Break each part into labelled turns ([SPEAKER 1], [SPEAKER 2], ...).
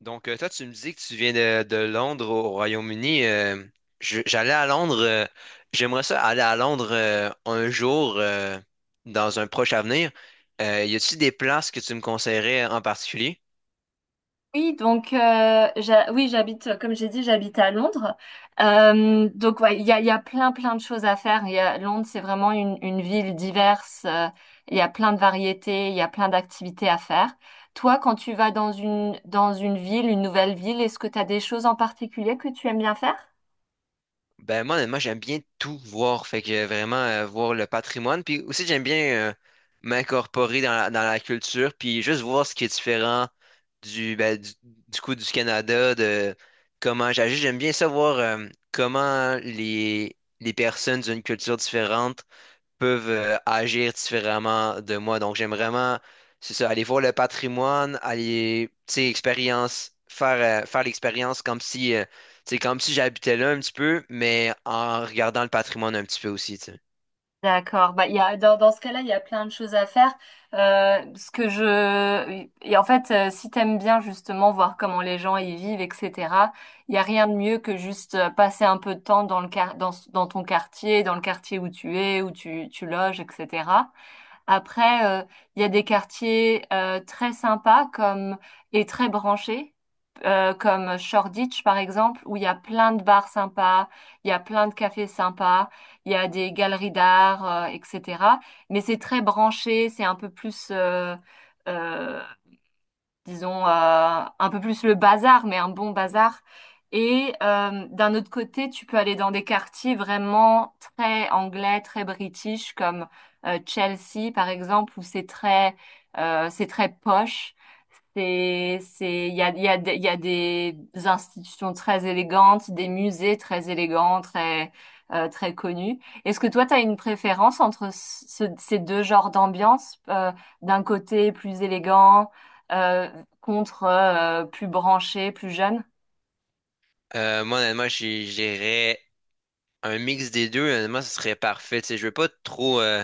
[SPEAKER 1] Donc, toi, tu me dis que tu viens de Londres au Royaume-Uni. J'allais à Londres. J'aimerais ça aller à Londres un jour, dans un proche avenir. Y a-t-il des places que tu me conseillerais en particulier?
[SPEAKER 2] Oui, donc oui, j'habite, comme j'ai dit, j'habite à Londres. Ouais, il y a plein de choses à faire. Londres, c'est vraiment une ville diverse. Il y a plein de variétés, il y a plein d'activités à faire. Toi, quand tu vas dans une ville, une nouvelle ville, est-ce que tu as des choses en particulier que tu aimes bien faire?
[SPEAKER 1] Ben moi, honnêtement, j'aime bien tout voir. Fait que vraiment voir le patrimoine. Puis aussi, j'aime bien m'incorporer dans la culture, puis juste voir ce qui est différent du, ben, du, du coup du Canada, de comment j'agis. J'aime bien savoir comment les personnes d'une culture différente peuvent agir différemment de moi. Donc, j'aime vraiment, c'est ça, aller voir le patrimoine, aller, tu sais, expérience, faire, faire l'expérience comme si, tu sais, comme si j'habitais là un petit peu, mais en regardant le patrimoine un petit peu aussi, tu sais.
[SPEAKER 2] D'accord. Bah, dans, dans ce cas-là, il y a plein de choses à faire. Ce que je, et En fait, si t'aimes bien justement voir comment les gens y vivent, etc., il y a rien de mieux que juste passer un peu de temps dans ton quartier, dans le quartier où tu es, où tu loges, etc. Après, il y a des quartiers très sympas comme et très branchés, comme Shoreditch par exemple, où il y a plein de bars sympas, il y a plein de cafés sympas, il y a des galeries d'art, etc. Mais c'est très branché, c'est un peu plus euh, disons, un peu plus le bazar, mais un bon bazar. Et d'un autre côté, tu peux aller dans des quartiers vraiment très anglais, très british, comme Chelsea, par exemple, où c'est très poche. C'est, il y a, des- Il y a des institutions très élégantes, des musées très élégants, très, très connus. Est-ce que toi, tu as une préférence entre ces deux genres d'ambiance, d'un côté plus élégant? euh, Contre plus branchés, plus jeunes?
[SPEAKER 1] Moi, honnêtement, j'irais un mix des deux. Honnêtement, ce serait parfait. Tu sais, je veux pas trop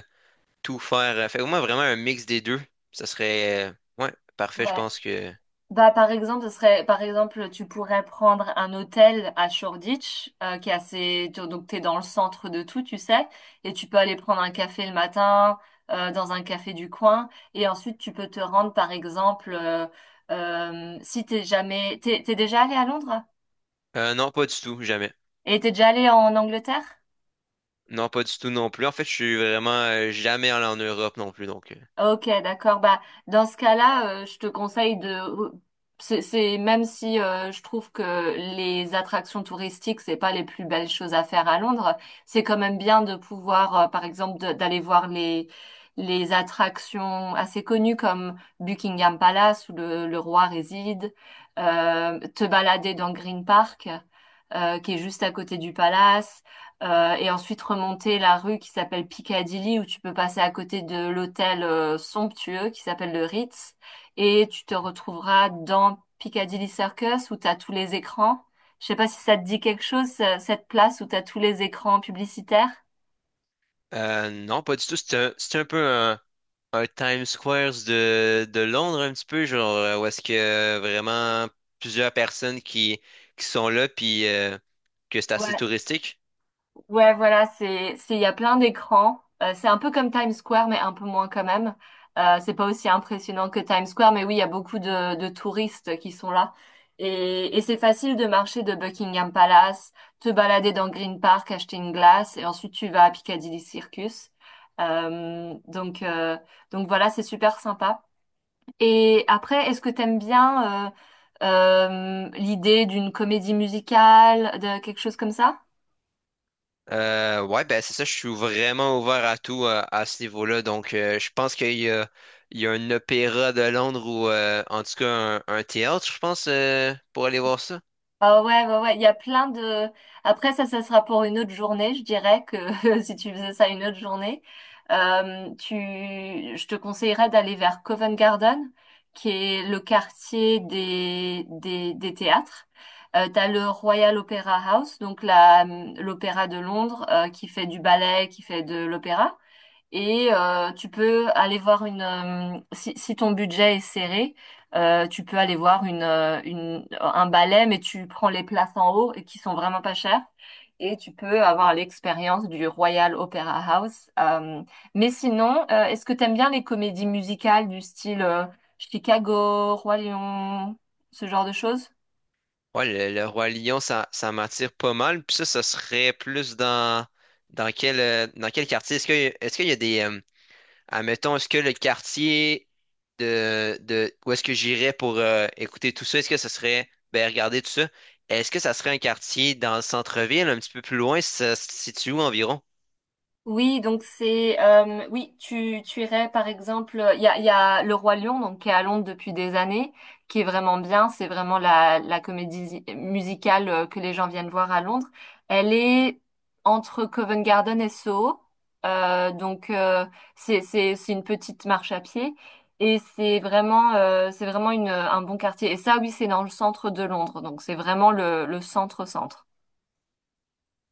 [SPEAKER 1] tout faire. Fait que moi, vraiment un mix des deux. Ça serait, ouais, parfait.
[SPEAKER 2] Ouais. Bah, par exemple, ce serait, par exemple, tu pourrais prendre un hôtel à Shoreditch, qui est assez, donc t'es dans le centre de tout, tu sais, et tu peux aller prendre un café le matin, dans un café du coin, et ensuite tu peux te rendre, par exemple, si t'es jamais, t'es, t'es déjà allé à Londres?
[SPEAKER 1] Non, pas du tout, jamais.
[SPEAKER 2] Et t'es déjà allé en Angleterre?
[SPEAKER 1] Non, pas du tout non plus. En fait, je suis vraiment jamais allé en Europe non plus, donc. euh,
[SPEAKER 2] Ok, d'accord. Bah, dans ce cas-là, je te conseille de. Même si je trouve que les attractions touristiques, c'est pas les plus belles choses à faire à Londres, c'est quand même bien de pouvoir, par exemple, d'aller voir les attractions assez connues comme Buckingham Palace où le roi réside, te balader dans Green Park, qui est juste à côté du palace. Et ensuite remonter la rue qui s'appelle Piccadilly où tu peux passer à côté de l'hôtel somptueux qui s'appelle le Ritz, et tu te retrouveras dans Piccadilly Circus où tu as tous les écrans. Je sais pas si ça te dit quelque chose, cette place où tu as tous les écrans publicitaires.
[SPEAKER 1] euh, Non, pas du tout. C'est un peu un Times Square de Londres, un petit peu, genre, où est-ce que vraiment plusieurs personnes qui sont là, puis que c'est assez touristique.
[SPEAKER 2] Ouais, voilà, il y a plein d'écrans. C'est un peu comme Times Square, mais un peu moins quand même. C'est pas aussi impressionnant que Times Square, mais oui, il y a beaucoup de touristes qui sont là. Et c'est facile de marcher de Buckingham Palace, te balader dans Green Park, acheter une glace, et ensuite tu vas à Piccadilly Circus. Euh, donc, euh, donc voilà, c'est super sympa. Et après, est-ce que t'aimes bien l'idée d'une comédie musicale, de quelque chose comme ça?
[SPEAKER 1] Ouais, ben c'est ça, je suis vraiment ouvert à tout à, ce niveau-là. Donc, je pense il y a un opéra de Londres ou en tout cas un théâtre, je pense, pour aller voir ça.
[SPEAKER 2] Ah ouais, ouais, ouais, il y a plein de... Après, ça sera pour une autre journée, je dirais que si tu faisais ça une autre journée, tu... je te conseillerais d'aller vers Covent Garden, qui est le quartier des théâtres. T'as le Royal Opera House, donc l'opéra de Londres, qui fait du ballet, qui fait de l'opéra. Et tu peux aller voir une... si ton budget est serré, tu peux aller voir un ballet, mais tu prends les places en haut et qui sont vraiment pas chères. Et tu peux avoir l'expérience du Royal Opera House. Mais sinon, est-ce que t'aimes bien les comédies musicales du style Chicago, Roi Lion, ce genre de choses?
[SPEAKER 1] Ouais, le Roi Lion, ça m'attire pas mal. Puis ça serait plus dans quel quartier? Est-ce que, est-ce qu'il y a des, admettons, est-ce que le quartier de où est-ce que j'irais pour écouter tout ça, est-ce que ça serait, ben, regarder tout ça, est-ce que ça serait un quartier dans le centre-ville, un petit peu plus loin, ça se situe où environ?
[SPEAKER 2] Oui, donc c'est oui, tu irais par exemple, il y a Le Roi Lion donc qui est à Londres depuis des années, qui est vraiment bien, c'est vraiment la comédie musicale que les gens viennent voir à Londres. Elle est entre Covent Garden et Soho, euh, donc euh, c'est une petite marche à pied et c'est vraiment une un bon quartier. Et ça oui, c'est dans le centre de Londres, donc c'est vraiment le centre.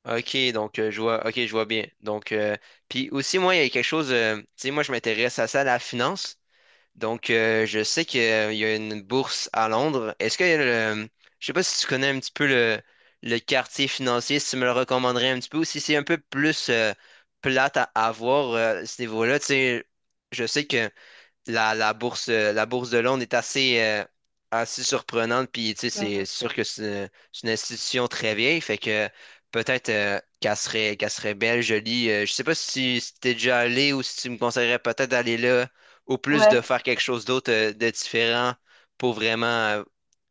[SPEAKER 1] Ok, donc je vois, ok, je vois bien. Donc, puis aussi, moi, il y a quelque chose, tu sais, moi, je m'intéresse à ça, à la finance. Donc, je sais qu'il y a une bourse à Londres. Je sais pas si tu connais un petit peu le quartier financier, si tu me le recommanderais un petit peu, ou si c'est un peu plus plate à avoir à voir, à ce niveau-là. Tu sais, je sais que la, la bourse de Londres est assez, assez surprenante. Puis, tu sais, c'est
[SPEAKER 2] Mhm.
[SPEAKER 1] sûr que c'est une institution très vieille. Fait que peut-être qu'elle serait belle, jolie. Je sais pas si, si t'es déjà allé ou si tu me conseillerais peut-être d'aller là ou plus de
[SPEAKER 2] Ouais.
[SPEAKER 1] faire quelque chose d'autre de différent pour vraiment.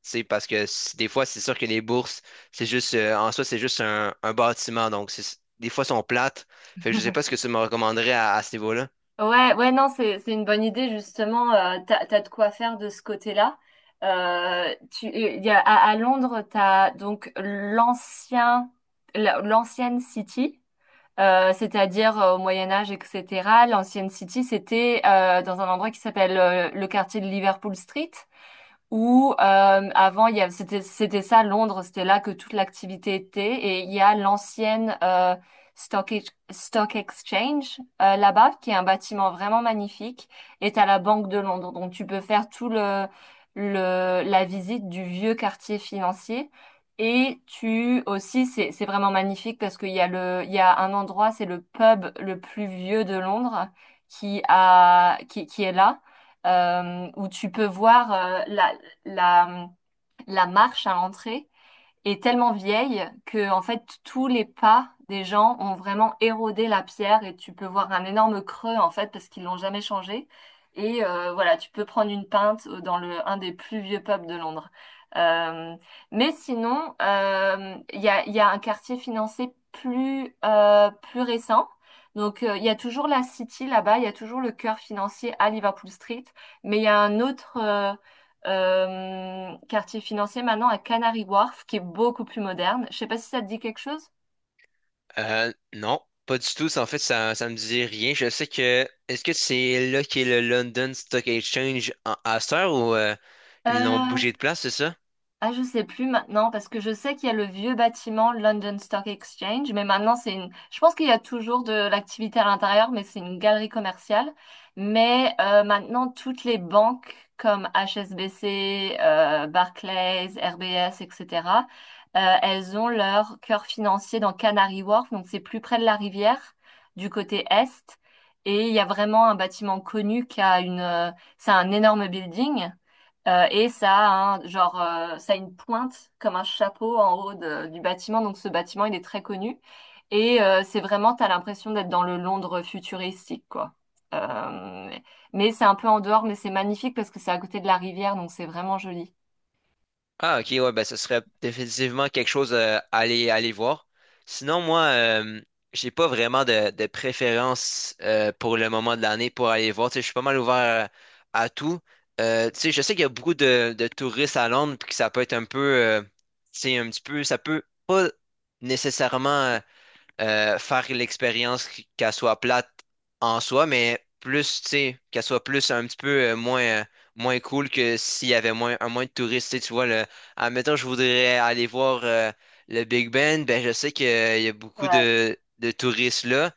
[SPEAKER 1] Tu sais, parce que des fois, c'est sûr que les bourses, c'est juste, en soi, c'est juste un bâtiment. Donc, c'est- des fois, sont plates. Fait que je sais pas ce que tu me recommanderais à ce niveau-là.
[SPEAKER 2] Ouais, ouais, non, c'est une bonne idée justement. T'as de quoi faire de ce côté-là. Tu, il y a, à, À Londres, t'as donc l'ancien, l'ancienne City, c'est-à-dire au Moyen Âge, etc. L'ancienne City, c'était dans un endroit qui s'appelle le quartier de Liverpool Street où avant c'était ça Londres, c'était là que toute l'activité était, et il y a l'ancienne Stock, Stock Exchange là-bas qui est un bâtiment vraiment magnifique, et t'as la Banque de Londres. Donc tu peux faire tout le la visite du vieux quartier financier, et tu aussi c'est vraiment magnifique parce qu'il y a un endroit, c'est le pub le plus vieux de Londres qui a qui est là, où tu peux voir la, la marche à l'entrée est tellement vieille que en fait tous les pas des gens ont vraiment érodé la pierre et tu peux voir un énorme creux en fait parce qu'ils l'ont jamais changé. Et voilà, tu peux prendre une pinte dans le un des plus vieux pubs de Londres. Euh, mais sinon, il y a un quartier financé plus plus récent. Donc, il y a toujours la City là-bas, il y a toujours le cœur financier à Liverpool Street, mais il y a un autre, quartier financier maintenant à Canary Wharf, qui est beaucoup plus moderne. Je sais pas si ça te dit quelque chose.
[SPEAKER 1] Non, pas du tout. Ça, en fait, ça me dit rien. Je sais que. Est-ce que c'est là qu'est le London Stock Exchange à cette heure ou ils l'ont
[SPEAKER 2] Euh,
[SPEAKER 1] bougé de place, c'est ça?
[SPEAKER 2] Ah, je sais plus maintenant parce que je sais qu'il y a le vieux bâtiment London Stock Exchange, mais maintenant c'est une. Je pense qu'il y a toujours de l'activité à l'intérieur, mais c'est une galerie commerciale. Mais maintenant toutes les banques comme HSBC, Barclays, RBS, etc. Elles ont leur cœur financier dans Canary Wharf, donc c'est plus près de la rivière, du côté est. Et il y a vraiment un bâtiment connu qui a une. C'est un énorme building. Et ça a un, genre, ça a une pointe comme un chapeau en haut du bâtiment. Donc ce bâtiment, il est très connu. Et c'est vraiment, t'as l'impression d'être dans le Londres futuristique, quoi. Euh, mais c'est un peu en dehors, mais c'est magnifique parce que c'est à côté de la rivière, donc c'est vraiment joli.
[SPEAKER 1] Ah, ok, ouais, ben, ce serait définitivement quelque chose à aller voir. Sinon, moi, j'ai pas vraiment de préférence pour le moment de l'année pour aller voir. Tu sais, je suis pas mal ouvert à tout. Tu sais, je sais qu'il y a beaucoup de touristes à Londres, puis que ça peut être un peu. Tu sais, un petit peu. Ça peut pas nécessairement. Faire l'expérience qu'elle soit plate en soi, mais plus, tu sais, qu'elle soit plus un petit peu moins, moins cool que s'il y avait moins, un moins de touristes. Tu sais, tu vois, le, admettons, je voudrais aller voir le Big Ben, ben je sais qu'il y a beaucoup
[SPEAKER 2] Ouais,
[SPEAKER 1] de touristes là.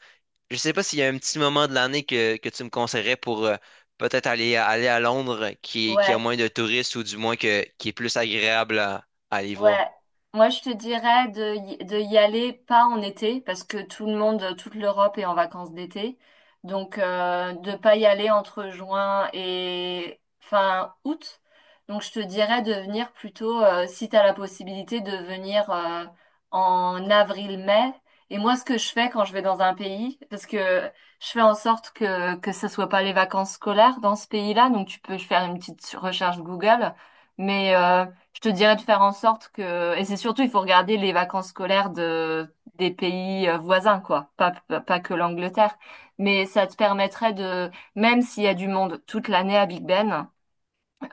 [SPEAKER 1] Je sais pas s'il y a un petit moment de l'année que tu me conseillerais pour peut-être aller, aller à Londres qui a
[SPEAKER 2] ouais.
[SPEAKER 1] moins de touristes ou du moins qui est plus agréable à aller voir.
[SPEAKER 2] Ouais, moi je te dirais de y aller pas en été parce que tout le monde, toute l'Europe est en vacances d'été. Donc de pas y aller entre juin et fin août. Donc je te dirais de venir plutôt, si tu as la possibilité, de venir en avril-mai. Et moi ce que je fais quand je vais dans un pays, parce que je fais en sorte que ce soit pas les vacances scolaires dans ce pays-là, donc tu peux faire une petite recherche Google. Mais je te dirais de faire en sorte que, et c'est surtout, il faut regarder les vacances scolaires des pays voisins, quoi. Pas que l'Angleterre. Mais ça te permettrait de, même s'il y a du monde toute l'année à Big Ben,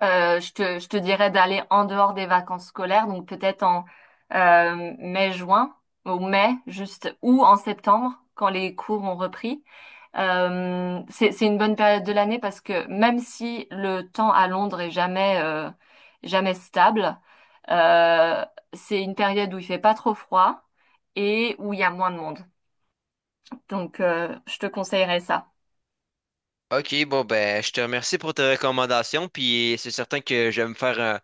[SPEAKER 2] je te dirais d'aller en dehors des vacances scolaires, donc peut-être en mai, juin, ou mai, juste, ou en septembre, quand les cours ont repris. C'est une bonne période de l'année parce que même si le temps à Londres est jamais, jamais stable, euh, c'est une période où il fait pas trop froid et où il y a moins de monde. Donc, je te conseillerais ça.
[SPEAKER 1] Ok, bon ben, je te remercie pour tes recommandations, puis c'est certain que je vais me faire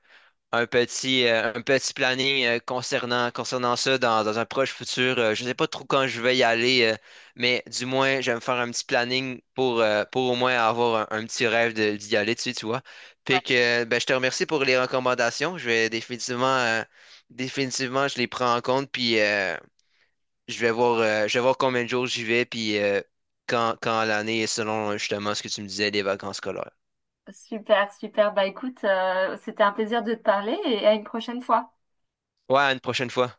[SPEAKER 1] un petit planning concernant concernant ça dans un proche futur. Je sais pas trop quand je vais y aller, mais du moins je vais me faire un petit planning pour au moins avoir un petit rêve d'y aller dessus, tu vois.
[SPEAKER 2] Ouais.
[SPEAKER 1] Puis que ben, je te remercie pour les recommandations. Je vais définitivement définitivement je les prends en compte, puis je vais voir combien de jours j'y vais, puis quand, quand l'année est selon justement ce que tu me disais des vacances scolaires.
[SPEAKER 2] Super, super. Bah écoute, c'était un plaisir de te parler et à une prochaine fois.
[SPEAKER 1] Ouais, à une prochaine fois.